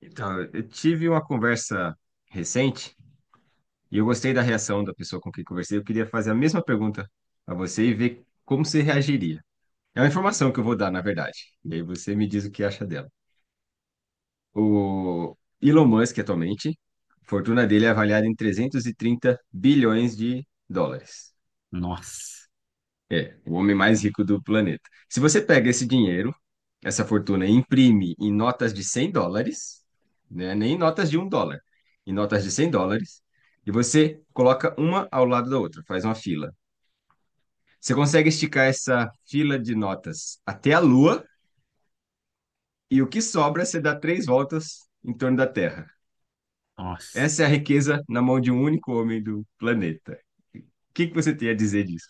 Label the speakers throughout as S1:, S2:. S1: Então, eu tive uma conversa recente e eu gostei da reação da pessoa com quem conversei. Eu queria fazer a mesma pergunta a você e ver como você reagiria. É uma informação que eu vou dar, na verdade. E aí você me diz o que acha dela. O Elon Musk, atualmente, a fortuna dele é avaliada em 330 bilhões de dólares.
S2: Nossa,
S1: É, o homem mais rico do planeta. Se você pega esse dinheiro, essa fortuna, e imprime em notas de 100 dólares, né, nem em notas de 1 dólar, em notas de 100 dólares, e você coloca uma ao lado da outra, faz uma fila. Você consegue esticar essa fila de notas até a Lua, e o que sobra você dá três voltas em torno da Terra.
S2: nossa.
S1: Essa é a riqueza na mão de um único homem do planeta. O que que você tem a dizer disso?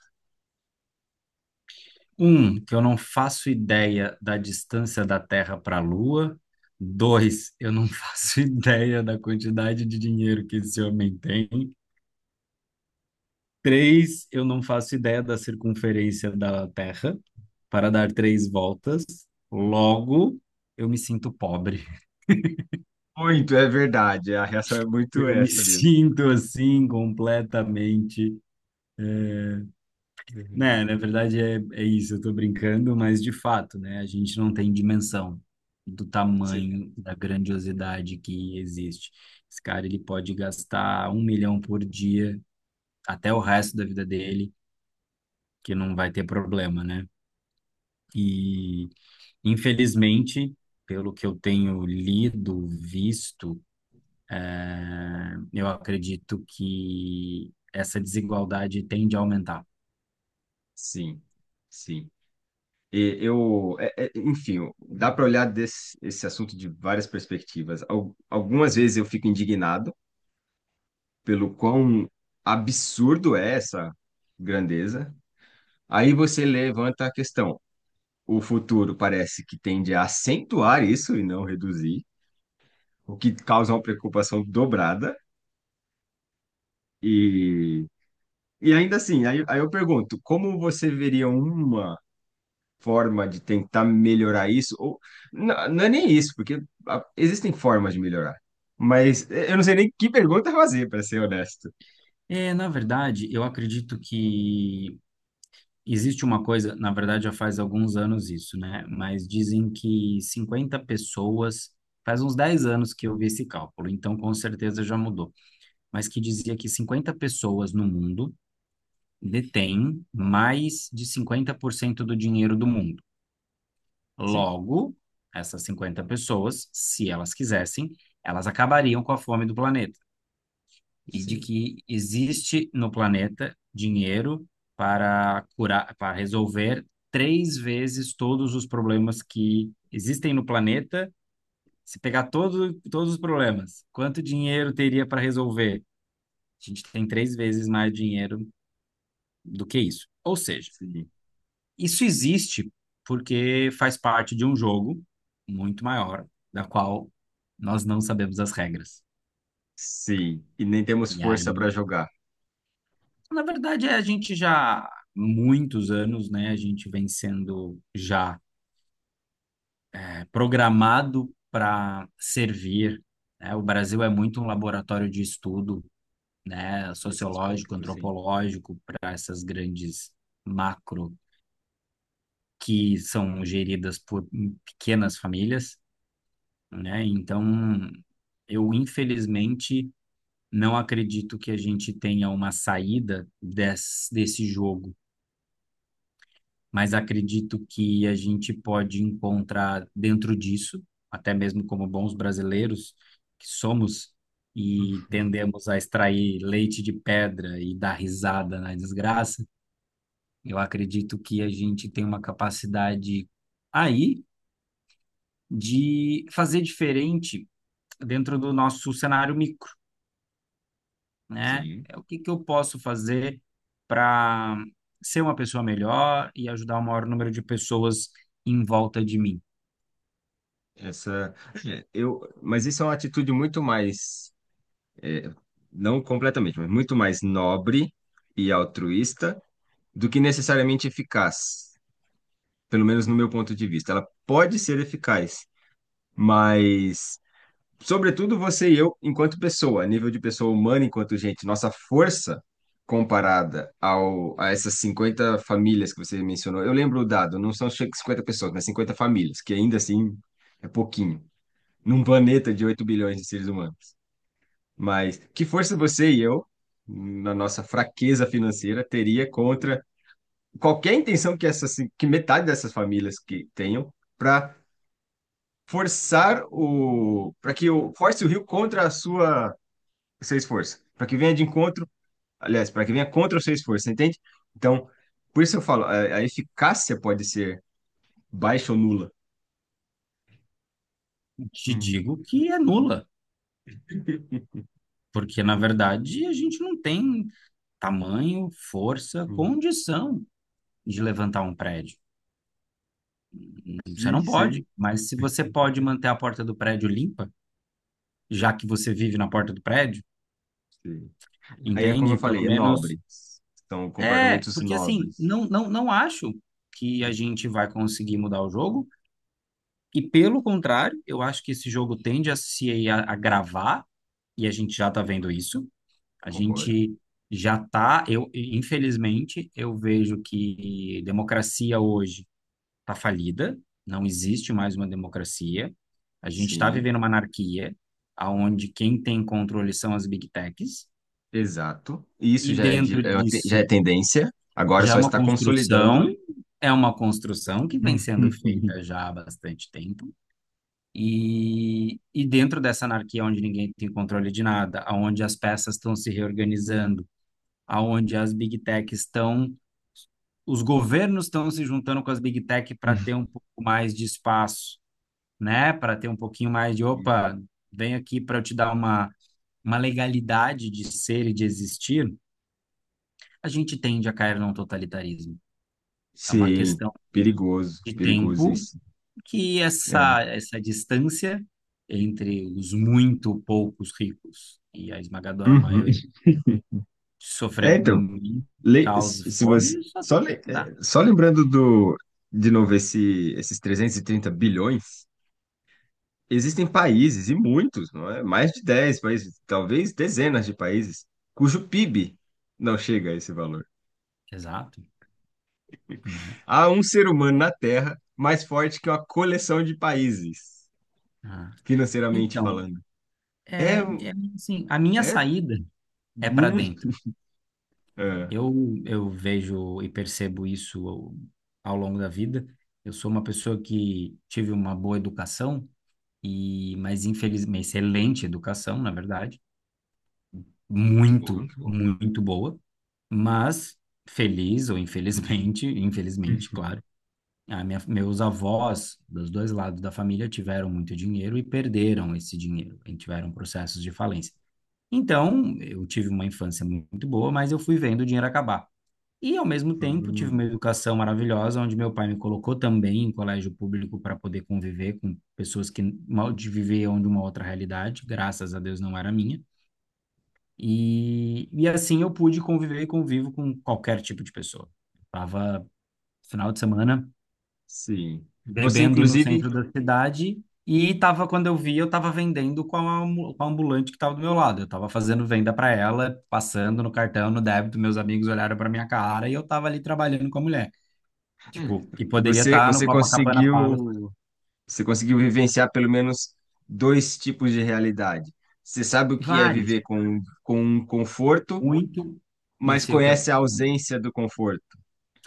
S2: Um, que eu não faço ideia da distância da Terra para a Lua. Dois, eu não faço ideia da quantidade de dinheiro que esse homem tem. Três, eu não faço ideia da circunferência da Terra para dar três voltas. Logo, eu me sinto pobre.
S1: Muito, é verdade. A reação é muito
S2: Eu me
S1: essa mesmo.
S2: sinto assim completamente. Né,
S1: Uhum.
S2: na verdade é isso, eu tô brincando, mas de fato, né, a gente não tem dimensão do
S1: Você
S2: tamanho, da grandiosidade que existe. Esse cara, ele pode gastar 1 milhão por dia até o resto da vida dele, que não vai ter problema, né? E, infelizmente, pelo que eu tenho lido, visto, eu acredito que essa desigualdade tende a aumentar.
S1: Sim, sim. E eu, enfim, dá para olhar esse assunto de várias perspectivas. Algumas vezes eu fico indignado pelo quão absurdo é essa grandeza. Aí você levanta a questão. O futuro parece que tende a acentuar isso e não reduzir, o que causa uma preocupação dobrada. E, e ainda assim, aí eu pergunto, como você veria uma forma de tentar melhorar isso, ou não, não é nem isso, porque ah, existem formas de melhorar, mas eu não sei nem que pergunta fazer, para ser honesto.
S2: É, na verdade, eu acredito que existe uma coisa, na verdade já faz alguns anos isso, né? Mas dizem que 50 pessoas, faz uns 10 anos que eu vi esse cálculo, então com certeza já mudou, mas que dizia que 50 pessoas no mundo detêm mais de 50% do dinheiro do mundo.
S1: Sim,
S2: Logo, essas 50 pessoas, se elas quisessem, elas acabariam com a fome do planeta, e de
S1: sim,
S2: que existe no planeta dinheiro para curar, para resolver três vezes todos os problemas que existem no planeta. Se pegar todos os problemas, quanto dinheiro teria para resolver? A gente tem três vezes mais dinheiro do que isso. Ou seja,
S1: sim,
S2: isso existe porque faz parte de um jogo muito maior, da qual nós não sabemos as regras.
S1: sim. E nem temos
S2: E
S1: força para
S2: aí,
S1: jogar
S2: na verdade, é, a gente já há muitos anos, né? A gente vem sendo já, é, programado para servir, né? O Brasil é muito um laboratório de estudo, né?
S1: nesse
S2: Sociológico,
S1: aspecto, sim,
S2: antropológico, para essas grandes macro que são geridas por pequenas famílias, né? Então, eu infelizmente não acredito que a gente tenha uma saída desse jogo, mas acredito que a gente pode encontrar dentro disso, até mesmo como bons brasileiros que somos e tendemos a extrair leite de pedra e dar risada na desgraça, eu acredito que a gente tem uma capacidade aí de fazer diferente dentro do nosso cenário micro, né?
S1: sim.
S2: É o que que eu posso fazer para ser uma pessoa melhor e ajudar o maior número de pessoas em volta de mim.
S1: Essa, é, eu, mas isso é uma atitude muito mais, não completamente, mas muito mais nobre e altruísta do que necessariamente eficaz, pelo menos no meu ponto de vista. Ela pode ser eficaz. Mas, sobretudo, você e eu, enquanto pessoa, nível de pessoa humana, enquanto gente, nossa força comparada a essas 50 famílias que você mencionou. Eu lembro o dado, não são 50 pessoas, mas 50 famílias, que ainda assim é pouquinho, num planeta de 8 bilhões de seres humanos. Mas que força você e eu, na nossa fraqueza financeira, teria contra qualquer intenção que essas, que metade dessas famílias que tenham para forçar o para que o force o Rio contra a sua seu esforço, para que venha de encontro, aliás, para que venha contra o seu esforço, você entende? Então, por isso eu falo, a eficácia pode ser baixa ou nula.
S2: Te
S1: Hum,
S2: digo que é nula, porque na verdade a gente não tem tamanho, força,
S1: hum.
S2: condição de levantar um prédio. Você
S1: Sim,
S2: não
S1: sim,
S2: pode, mas se você pode manter a porta do prédio limpa, já que você vive na porta do prédio,
S1: sim. Aí, é como eu
S2: entende? Pelo
S1: falei, é
S2: menos
S1: nobre. São
S2: é,
S1: comportamentos
S2: porque assim,
S1: nobres.
S2: não acho que a
S1: Sim.
S2: gente vai conseguir mudar o jogo, e pelo contrário, eu acho que esse jogo tende a se agravar e a gente já está vendo isso. A
S1: Concordo.
S2: gente já está, eu, infelizmente, eu vejo que democracia hoje está falida, não existe mais uma democracia. A gente está
S1: Sim,
S2: vivendo uma anarquia, aonde quem tem controle são as big techs,
S1: exato. Isso
S2: e
S1: já é,
S2: dentro
S1: é uma já é
S2: disso
S1: tendência, agora
S2: já
S1: só está consolidando.
S2: é uma construção que vem sendo feita já há bastante tempo. E dentro dessa anarquia onde ninguém tem controle de nada, aonde as peças estão se reorganizando, aonde as big techs estão, os governos estão se juntando com as big tech para ter um pouco mais de espaço, né? Para ter um pouquinho mais de, opa, vem aqui para eu te dar uma legalidade de ser e de existir, a gente tende a cair num totalitarismo. É uma
S1: Sim,
S2: questão
S1: perigoso,
S2: de
S1: perigoso
S2: tempo
S1: isso.
S2: que
S1: É,
S2: essa distância entre os muito poucos ricos e a esmagadora
S1: Uhum.
S2: maioria
S1: É,
S2: sofrendo
S1: então,
S2: por causa de
S1: se você,
S2: fome, só
S1: só,
S2: tem que mudar.
S1: só lembrando do, de novo esses 330 bilhões, existem países, e muitos, não é? Mais de 10 países, talvez dezenas de países, cujo PIB não chega a esse valor.
S2: Exato, né?
S1: Há um ser humano na Terra mais forte que uma coleção de países,
S2: Ah.
S1: financeiramente
S2: Então,
S1: falando. É,
S2: é, é, assim, a minha
S1: é,
S2: saída é para
S1: hum,
S2: dentro.
S1: é.
S2: Eu, eu vejo e percebo isso ao, ao longo da vida. Eu sou uma pessoa que tive uma boa educação e, mas infelizmente, excelente educação, na verdade,
S1: Que bom,
S2: muito,
S1: que bom.
S2: muito boa. Mas feliz ou infelizmente, infelizmente, claro, a minha, meus avós dos dois lados da família tiveram muito dinheiro e perderam esse dinheiro, e tiveram processos de falência. Então, eu tive uma infância muito boa, mas eu fui vendo o dinheiro acabar. E, ao mesmo tempo, tive uma educação maravilhosa, onde meu pai me colocou também em colégio público para poder conviver com pessoas que mal de viviam de uma outra realidade, graças a Deus não era a minha. E assim eu pude conviver e convivo com qualquer tipo de pessoa. Tava final de semana
S1: Sim. Você,
S2: bebendo no
S1: inclusive,
S2: centro da cidade. E tava, quando eu vi, eu tava vendendo com a, com a ambulante que tava do meu lado. Eu tava fazendo venda para ela, passando no cartão, no débito. Meus amigos olharam para minha cara e eu tava ali trabalhando com a mulher. Tipo, e poderia
S1: você,
S2: estar no
S1: você
S2: Copacabana Palace.
S1: você conseguiu vivenciar pelo menos dois tipos de realidade. Você sabe o que é
S2: Vários,
S1: viver com um conforto,
S2: muito. E
S1: mas
S2: sei o que é.
S1: conhece a ausência do conforto.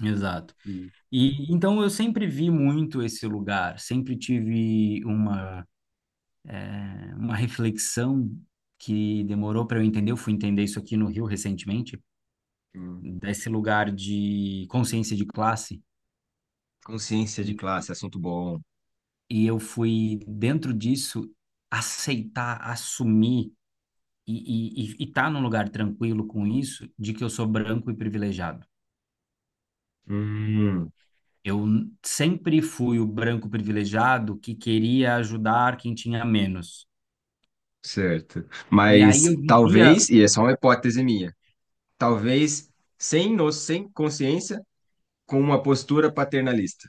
S2: Exato.
S1: Sim.
S2: E então eu sempre vi muito esse lugar, sempre tive uma, uma reflexão que demorou para eu entender. Eu fui entender isso aqui no Rio recentemente,
S1: Hum.
S2: desse lugar de consciência de classe
S1: Consciência de
S2: e,
S1: classe, assunto bom.
S2: e eu fui dentro disso aceitar, assumir e, estar e tá num lugar tranquilo com isso de que eu sou branco e privilegiado.
S1: Hum,
S2: Eu sempre fui o branco privilegiado que queria ajudar quem tinha menos.
S1: certo.
S2: E
S1: Mas
S2: aí eu vivia,
S1: talvez, e é só uma hipótese minha, talvez sem consciência, com uma postura paternalista.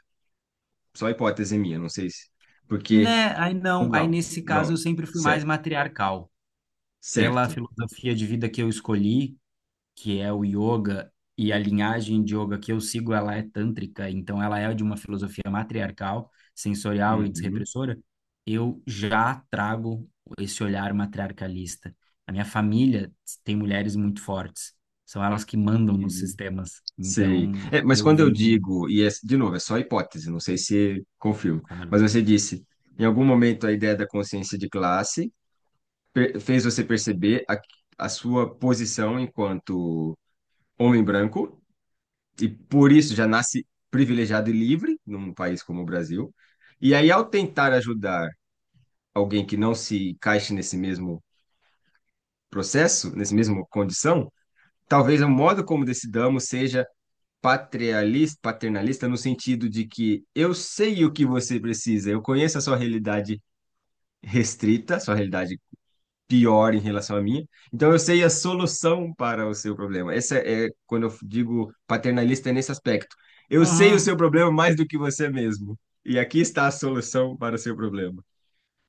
S1: Só hipótese minha, não sei se. Porque.
S2: né? Aí
S1: Ou
S2: não, aí
S1: não,
S2: nesse caso eu
S1: não.
S2: sempre fui mais
S1: Certo,
S2: matriarcal. Pela
S1: certo.
S2: filosofia de vida que eu escolhi, que é o yoga, e a linhagem de yoga que eu sigo, ela é tântrica, então ela é de uma filosofia matriarcal, sensorial e
S1: Uhum,
S2: desrepressora, eu já trago esse olhar matriarcalista. A minha família tem mulheres muito fortes, são elas que mandam nos
S1: uhum,
S2: sistemas,
S1: sei.
S2: então
S1: É, mas
S2: eu
S1: quando eu
S2: venho,
S1: digo, e é, de novo, é só hipótese, não sei se confirmo,
S2: claro.
S1: mas você disse, em algum momento a ideia da consciência de classe fez você perceber a sua posição enquanto homem branco, e por isso já nasce privilegiado e livre num país como o Brasil. E aí, ao tentar ajudar alguém que não se encaixe nesse mesmo processo, nesse mesmo condição, talvez o modo como decidamos seja patrialista, paternalista no sentido de que eu sei o que você precisa, eu conheço a sua realidade restrita, a sua realidade pior em relação à minha, então eu sei a solução para o seu problema. Essa é quando eu digo paternalista é nesse aspecto. Eu sei o
S2: Ah,
S1: seu problema mais do que você mesmo. E aqui está a solução para o seu problema.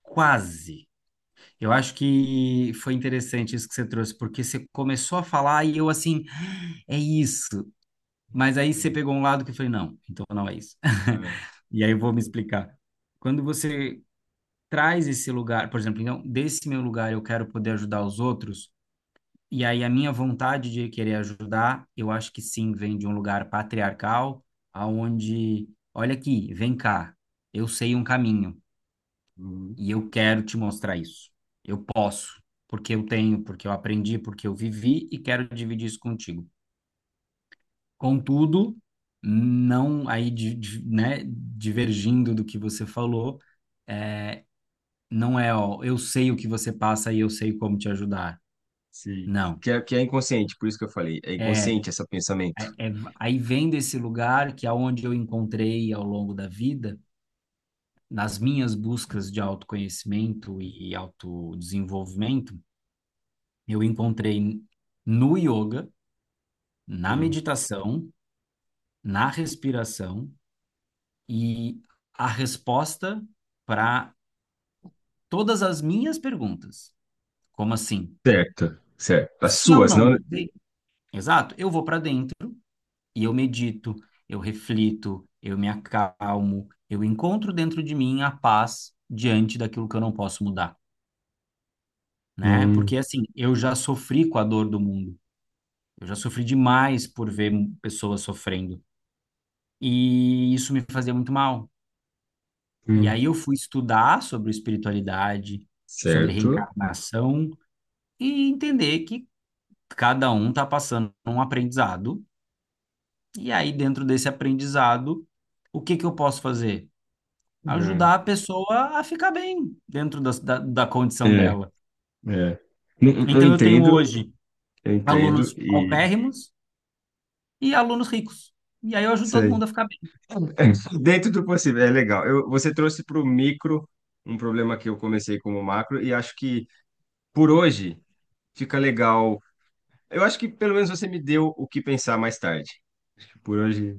S2: quase. Eu acho que foi interessante isso que você trouxe, porque você começou a falar e eu assim, "Ah, é isso. Mas aí você pegou um lado que eu falei, não, então não é isso."
S1: Ah,
S2: E aí eu vou me explicar. Quando você traz esse lugar, por exemplo, então, desse meu lugar eu quero poder ajudar os outros, e aí a minha vontade de querer ajudar, eu acho que sim, vem de um lugar patriarcal, aonde, olha aqui, vem cá, eu sei um caminho
S1: uhum.
S2: e eu quero te mostrar isso. Eu posso, porque eu tenho, porque eu aprendi, porque eu vivi e quero dividir isso contigo. Contudo, não aí né, divergindo do que você falou, é, não é, ó, eu sei o que você passa e eu sei como te ajudar.
S1: Sim.
S2: Não.
S1: Que é inconsciente, por isso que eu falei. É
S2: É,
S1: inconsciente esse pensamento.
S2: é, é- aí vem desse lugar que aonde eu encontrei ao longo da vida, nas minhas buscas de autoconhecimento e autodesenvolvimento, eu encontrei no yoga, na
S1: Hum.
S2: meditação, na respiração e a resposta para todas as minhas perguntas. Como assim?
S1: Certo. Certo. As
S2: Se eu
S1: suas,
S2: não
S1: não.
S2: sei, exato, eu vou para dentro e eu medito, eu reflito, eu me acalmo, eu encontro dentro de mim a paz diante daquilo que eu não posso mudar, né? Porque
S1: Hum,
S2: assim, eu já sofri com a dor do mundo. Eu já sofri demais por ver pessoas sofrendo e isso me fazia muito mal. E
S1: hum.
S2: aí eu fui estudar sobre espiritualidade, sobre
S1: Certo.
S2: reencarnação e entender que cada um está passando um aprendizado, e aí dentro desse aprendizado, o que que eu posso fazer?
S1: É.
S2: Ajudar a pessoa a ficar bem dentro da condição
S1: É.
S2: dela.
S1: É. Eu
S2: Então eu tenho
S1: entendo,
S2: hoje
S1: eu entendo.
S2: alunos
S1: E
S2: paupérrimos e alunos ricos. E aí eu ajudo todo
S1: sei.
S2: mundo a ficar bem.
S1: Dentro do possível, é legal. Você trouxe para o micro um problema que eu comecei como macro, e acho que por hoje fica legal. Eu acho que pelo menos você me deu o que pensar mais tarde. Por hoje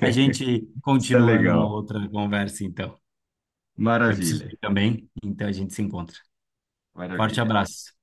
S2: A gente
S1: está
S2: continua numa
S1: legal.
S2: outra conversa, então. Eu preciso
S1: Maravilha,
S2: ir também, então a gente se encontra. Forte
S1: maravilha.
S2: abraço.